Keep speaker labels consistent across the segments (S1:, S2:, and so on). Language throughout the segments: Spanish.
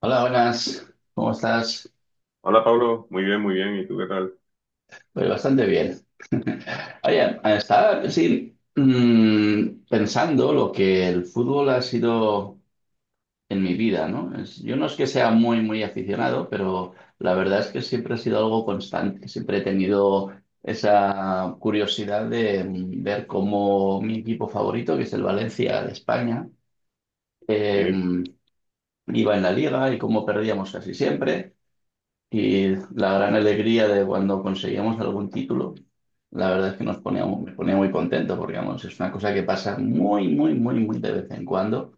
S1: Hola, buenas. ¿Cómo estás?
S2: Hola Pablo, muy bien, muy bien. ¿Y tú qué tal?
S1: Pues bastante bien. Oye, estaba sí, pensando lo que el fútbol ha sido en mi vida, ¿no? Yo no es que sea muy, muy aficionado, pero la verdad es que siempre ha sido algo constante. Siempre he tenido esa curiosidad de ver cómo mi equipo favorito, que es el Valencia de España,
S2: Sí,
S1: em, iba en la liga y cómo perdíamos casi siempre. Y la gran alegría de cuando conseguíamos algún título, la verdad es que nos ponía, me ponía muy contento porque vamos, es una cosa que pasa muy, muy, muy, muy de vez en cuando.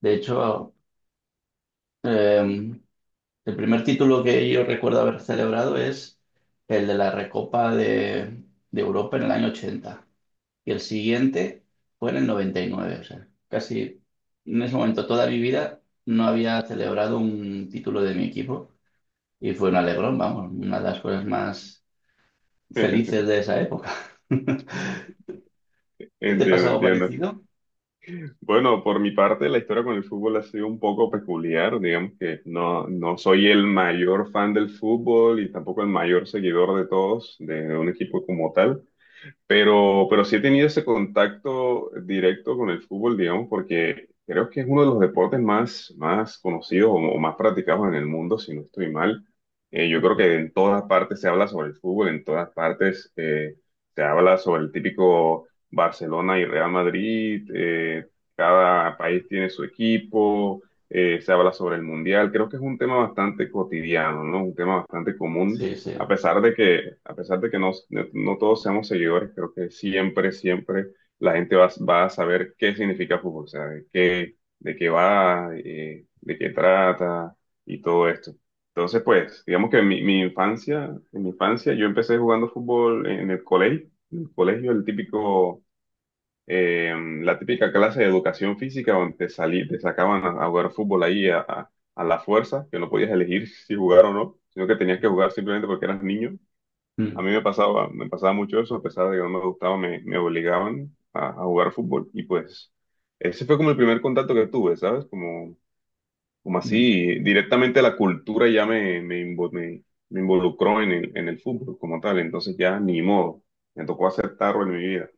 S1: De hecho, eh, el primer título que yo recuerdo haber celebrado es el de la Recopa de Europa en el año 80 y el siguiente fue en el noventa y nueve. O sea, casi en ese momento toda mi vida no había celebrado un título de mi equipo y fue un alegrón, vamos, una de las cosas más felices de esa época. ¿Te ha
S2: entiendo,
S1: pasado
S2: entiendo.
S1: parecido?
S2: Bueno, por mi parte, la historia con el fútbol ha sido un poco peculiar. Digamos que no soy el mayor fan del fútbol y tampoco el mayor seguidor de todos, de un equipo como tal. Pero sí he tenido ese contacto directo con el fútbol, digamos, porque creo que es uno de los deportes más conocidos o más practicados en el mundo, si no estoy mal. Yo creo que en todas partes se habla sobre el fútbol, en todas partes se habla sobre el típico Barcelona y Real Madrid. Cada país tiene su equipo. Se habla sobre el mundial. Creo que es un tema bastante cotidiano, ¿no? Un tema bastante común
S1: Sí, sí.
S2: a pesar de que, a pesar de que no todos seamos seguidores. Creo que siempre, siempre la gente va a saber qué significa fútbol, o sea, de qué va, de qué trata y todo esto. Entonces, pues, digamos que en mi infancia, en mi infancia yo empecé jugando fútbol en el colegio, el típico, eh, la típica clase de educación física donde te sacaban a jugar fútbol ahí a la fuerza, que no podías elegir si jugar o no, sino que tenías que jugar simplemente porque eras niño. A
S1: Mm,
S2: mí me pasaba mucho eso, a pesar de que no me gustaba, me obligaban a jugar fútbol. Y pues ese fue como el primer contacto que tuve, ¿sabes? Como, como
S1: mm.
S2: así, directamente la cultura ya me involucró en en el fútbol como tal. Entonces ya ni modo, me tocó aceptarlo en mi vida.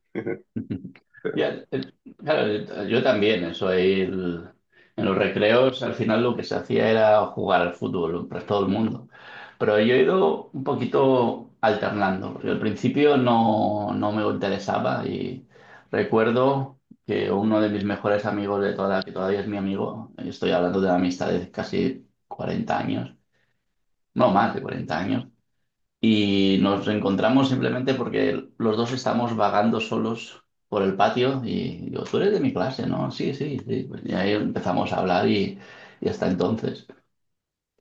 S1: Ya, claro, yo también, eso ahí en los recreos al final lo que se hacía era jugar al fútbol, pues todo el mundo. Pero yo he ido un poquito alternando, porque al principio no me interesaba y recuerdo que uno de mis mejores amigos de toda que todavía es mi amigo, estoy hablando de una amistad de casi 40 años, no más de 40 años, y nos reencontramos simplemente porque los dos estamos vagando solos por el patio y tú eres de mi clase, ¿no? Sí, sí, sí. Pues y ahí empezamos a hablar y hasta entonces.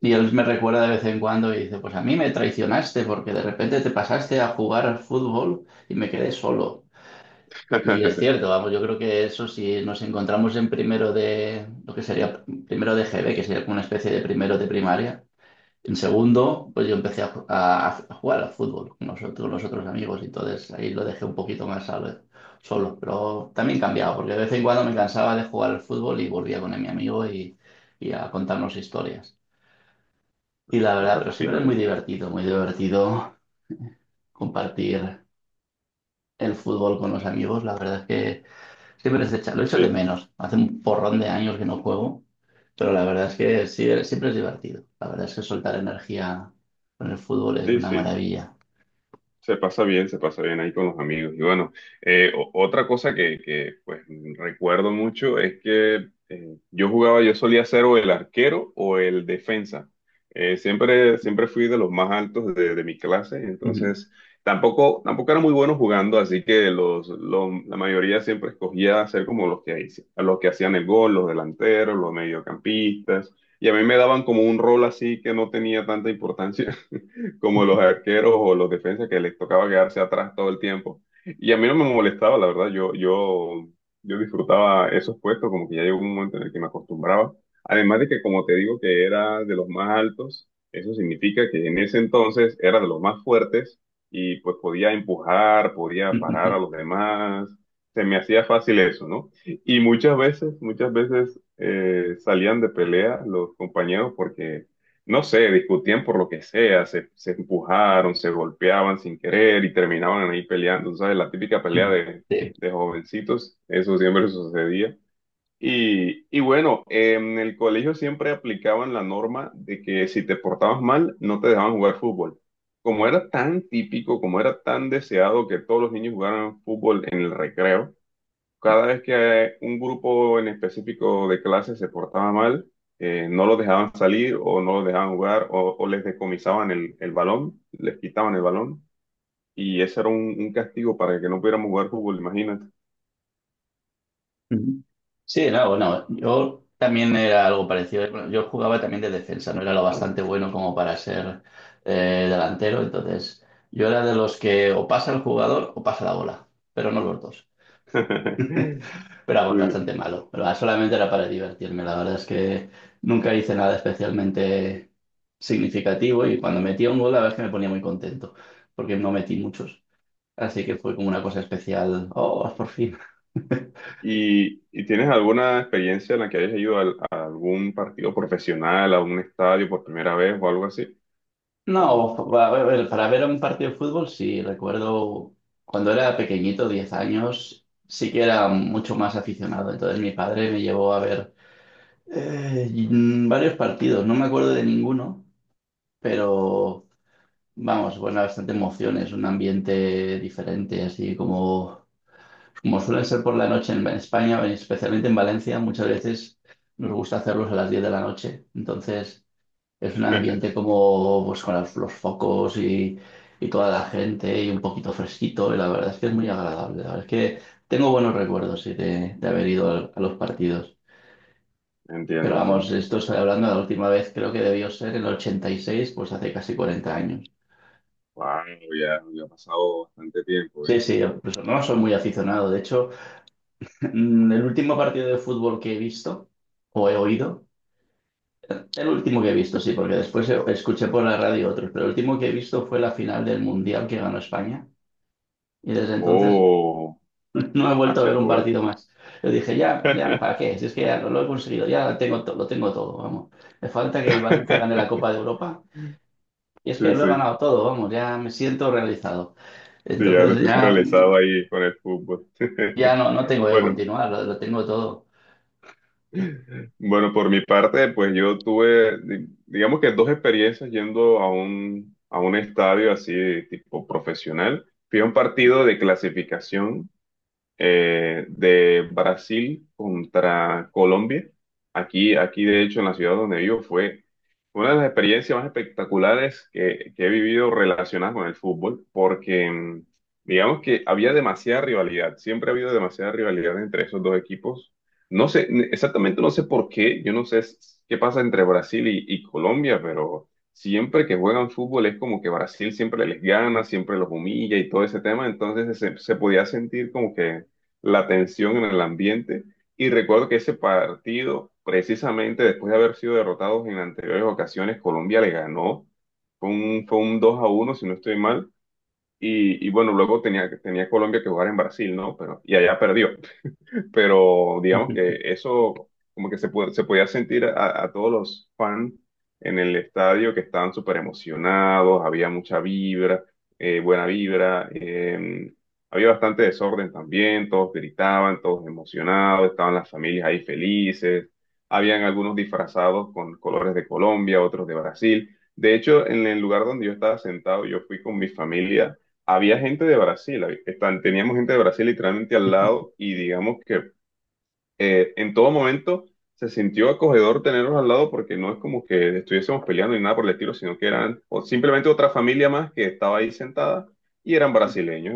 S1: Y él me recuerda de vez en cuando y dice, pues a mí me traicionaste porque de repente te pasaste a jugar al fútbol y me quedé solo. Y es cierto, vamos, yo creo que eso si nos encontramos en primero lo que sería primero de GB, que sería como una especie de primero de primaria. En segundo, pues yo empecé a jugar al fútbol con los otros amigos y entonces ahí lo dejé un poquito más solo, solo. Pero también cambiaba, porque de vez en cuando me cansaba de jugar al fútbol y volvía con mi amigo y a contarnos historias. Y la verdad, pero
S2: Fíjate,
S1: siempre es
S2: fíjate.
S1: muy divertido compartir el fútbol con los amigos. La verdad es que siempre es lo echo de
S2: Sí,
S1: menos. Hace un porrón de años que no juego, pero la verdad es que sí, siempre es divertido. La verdad es que soltar energía con el fútbol es
S2: sí,
S1: una
S2: sí.
S1: maravilla.
S2: Se pasa bien ahí con los amigos. Y bueno, otra cosa pues recuerdo mucho es que yo jugaba, yo solía ser o el arquero o el defensa. Siempre, siempre fui de los más altos de mi clase,
S1: Ujú,
S2: entonces tampoco, tampoco era muy bueno jugando, así que la mayoría siempre escogía ser como los los que hacían el gol, los delanteros, los mediocampistas, y a mí me daban como un rol así que no tenía tanta importancia. Como los arqueros o los defensas que les tocaba quedarse atrás todo el tiempo. Y a mí no me molestaba, la verdad, yo disfrutaba esos puestos, como que ya llegó un momento en el que me acostumbraba. Además de que, como te digo, que era de los más altos, eso significa que en ese entonces era de los más fuertes y pues podía empujar, podía parar a
S1: ujú,
S2: los demás, se me hacía fácil eso, ¿no? Y muchas veces salían de pelea los compañeros porque no sé, discutían por lo que sea, se empujaron, se golpeaban sin querer y terminaban ahí peleando. Tú ¿sabes? La típica pelea
S1: ujú. Sí.
S2: de jovencitos, eso siempre sucedía. Y bueno, en el colegio siempre aplicaban la norma de que si te portabas mal, no te dejaban jugar fútbol. Como era tan típico, como era tan deseado que todos los niños jugaran fútbol en el recreo, cada vez que un grupo en específico de clase se portaba mal, no los dejaban salir o no los dejaban jugar o les decomisaban el balón, les quitaban el balón. Y ese era un castigo para que no pudiéramos jugar fútbol, imagínate.
S1: Ujú. Sí, no, bueno, yo también era algo parecido. Bueno, yo jugaba también de defensa, no era lo bastante bueno como para ser delantero, entonces yo era de los que o pasa el jugador o pasa la bola, pero no los dos. Pero algo
S2: Sí.
S1: bastante malo, pero ah, solamente era para divertirme. La verdad es que nunca hice nada especialmente significativo y cuando metía un gol, la verdad es que me ponía muy contento, porque no metí muchos. Así que fue como una cosa especial. Oh, por fin.
S2: Y tienes alguna experiencia en la que hayas ido algún partido profesional, a un estadio por primera vez o algo así? ¿O no?
S1: No, para ver un partido de fútbol, sí, recuerdo cuando era pequeñito, 10 años, sí que era mucho más aficionado. Entonces mi padre me llevó a ver varios partidos, no me acuerdo de ninguno, pero vamos, bueno, bastante emociones, un ambiente diferente, así como suelen ser por la noche en España, especialmente en Valencia, muchas veces nos gusta hacerlos a las 10 de la noche. Entonces, es un ambiente como pues con los focos y toda la gente y un poquito fresquito y la verdad es que es muy agradable. La verdad es que tengo buenos recuerdos sí, de haber ido los partidos. Pero
S2: Entiendo,
S1: vamos,
S2: entiendo.
S1: esto estoy hablando de la última vez, creo que debió ser en el 86 pues hace casi 40 años.
S2: Wow, ya, ya ha pasado bastante tiempo,
S1: Sí,
S2: ¿eh?
S1: sí, yo, pues, no soy muy aficionado. De hecho, el último partido de fútbol que he visto o he oído, el último que he visto, sí, porque después escuché por la radio otros, pero el último que he visto fue la final del Mundial que ganó España. Y desde entonces
S2: Oh,
S1: no he vuelto a
S2: hace
S1: ver un
S2: fútbol.
S1: partido más. Yo dije, ya, ya, ¿para qué? Si es que ya lo he conseguido, ya tengo lo tengo todo, vamos. Me falta que el Valencia gane la Copa de Europa. Y es
S2: Sí,
S1: que lo he
S2: sí,
S1: ganado todo, vamos, ya me siento realizado.
S2: sí, ya te
S1: Entonces
S2: sientes
S1: ya,
S2: realizado ahí con el fútbol.
S1: ya no tengo que
S2: Bueno,
S1: continuar, lo tengo todo.
S2: bueno, por mi parte, pues yo tuve, digamos que dos experiencias yendo a un estadio así, de tipo profesional. Fui a un partido de clasificación de Brasil contra Colombia. Aquí, aquí, de hecho, en la ciudad donde vivo fue una de las experiencias más espectaculares que he vivido relacionadas con el fútbol, porque digamos que había demasiada rivalidad, siempre ha habido demasiada rivalidad entre esos dos equipos. No sé, exactamente no sé por qué, yo no sé qué pasa entre Brasil y Colombia, pero siempre que juegan fútbol es como que Brasil siempre les gana, siempre los humilla y todo ese tema, entonces se podía sentir como que la tensión en el ambiente. Y recuerdo que ese partido, precisamente después de haber sido derrotados en anteriores ocasiones, Colombia le ganó. Fue un 2 a uno si no estoy mal. Y bueno, luego tenía Colombia que jugar en Brasil, ¿no? Pero, y allá perdió, pero digamos que eso como que se podía sentir a todos los fans en el estadio que estaban súper emocionados, había mucha vibra, buena vibra. Había bastante desorden también, todos gritaban, todos emocionados, estaban las familias ahí felices, habían algunos disfrazados con colores de Colombia, otros de Brasil. De hecho, en el lugar donde yo estaba sentado, yo fui con mi familia, había gente de Brasil, teníamos gente de Brasil literalmente al lado y digamos que en todo momento se sintió acogedor tenerlos al lado porque no es como que estuviésemos peleando ni nada por el estilo, sino que eran o simplemente otra familia más que estaba ahí sentada y eran brasileños.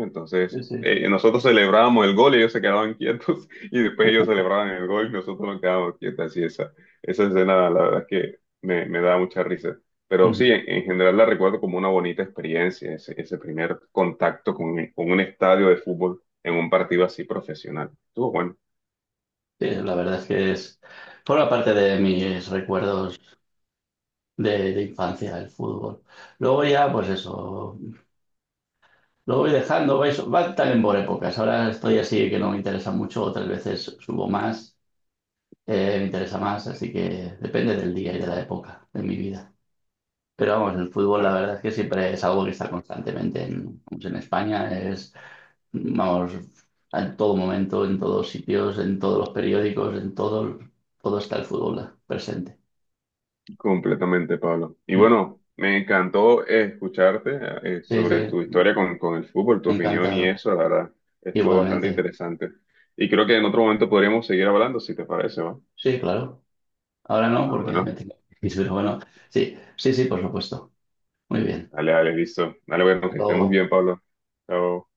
S1: Sí,
S2: Entonces,
S1: sí.
S2: nosotros celebrábamos el gol, ellos se quedaban quietos y después ellos celebraban el gol y nosotros nos quedábamos quietos. Así esa, esa escena, la verdad es que me da mucha risa. Pero sí,
S1: Ujú.
S2: en general la recuerdo como una bonita experiencia, ese primer contacto con un estadio de fútbol en un partido así profesional. Estuvo bueno.
S1: Sí, la verdad es que forma parte de mis recuerdos de infancia, el fútbol. Luego ya, pues eso, lo voy dejando, va también por épocas. Ahora estoy así que no me interesa mucho, otras veces subo más, me interesa más, así que depende del día y de la época de mi vida. Pero vamos, el fútbol la verdad es que siempre es algo que está constantemente vamos, en España, es, vamos, en todo momento, en todos sitios, en todos los periódicos, en todo está el fútbol presente.
S2: Completamente, Pablo. Y
S1: Mm.
S2: bueno, me encantó escucharte
S1: Sí,
S2: sobre
S1: sí,
S2: tu historia con el fútbol, tu opinión y
S1: encantado.
S2: eso, la verdad, estuvo bastante
S1: Igualmente.
S2: interesante. Y creo que en otro momento podríamos seguir hablando, si te parece, ¿va?
S1: Sí, claro. Ahora no,
S2: Ah,
S1: porque me
S2: bueno,
S1: tengo que ir, pero bueno, sí, sí, sí, por supuesto. Muy bien.
S2: dale, dale, listo. Dale, bueno, que estés muy
S1: Lo,
S2: bien, Pablo. Chao.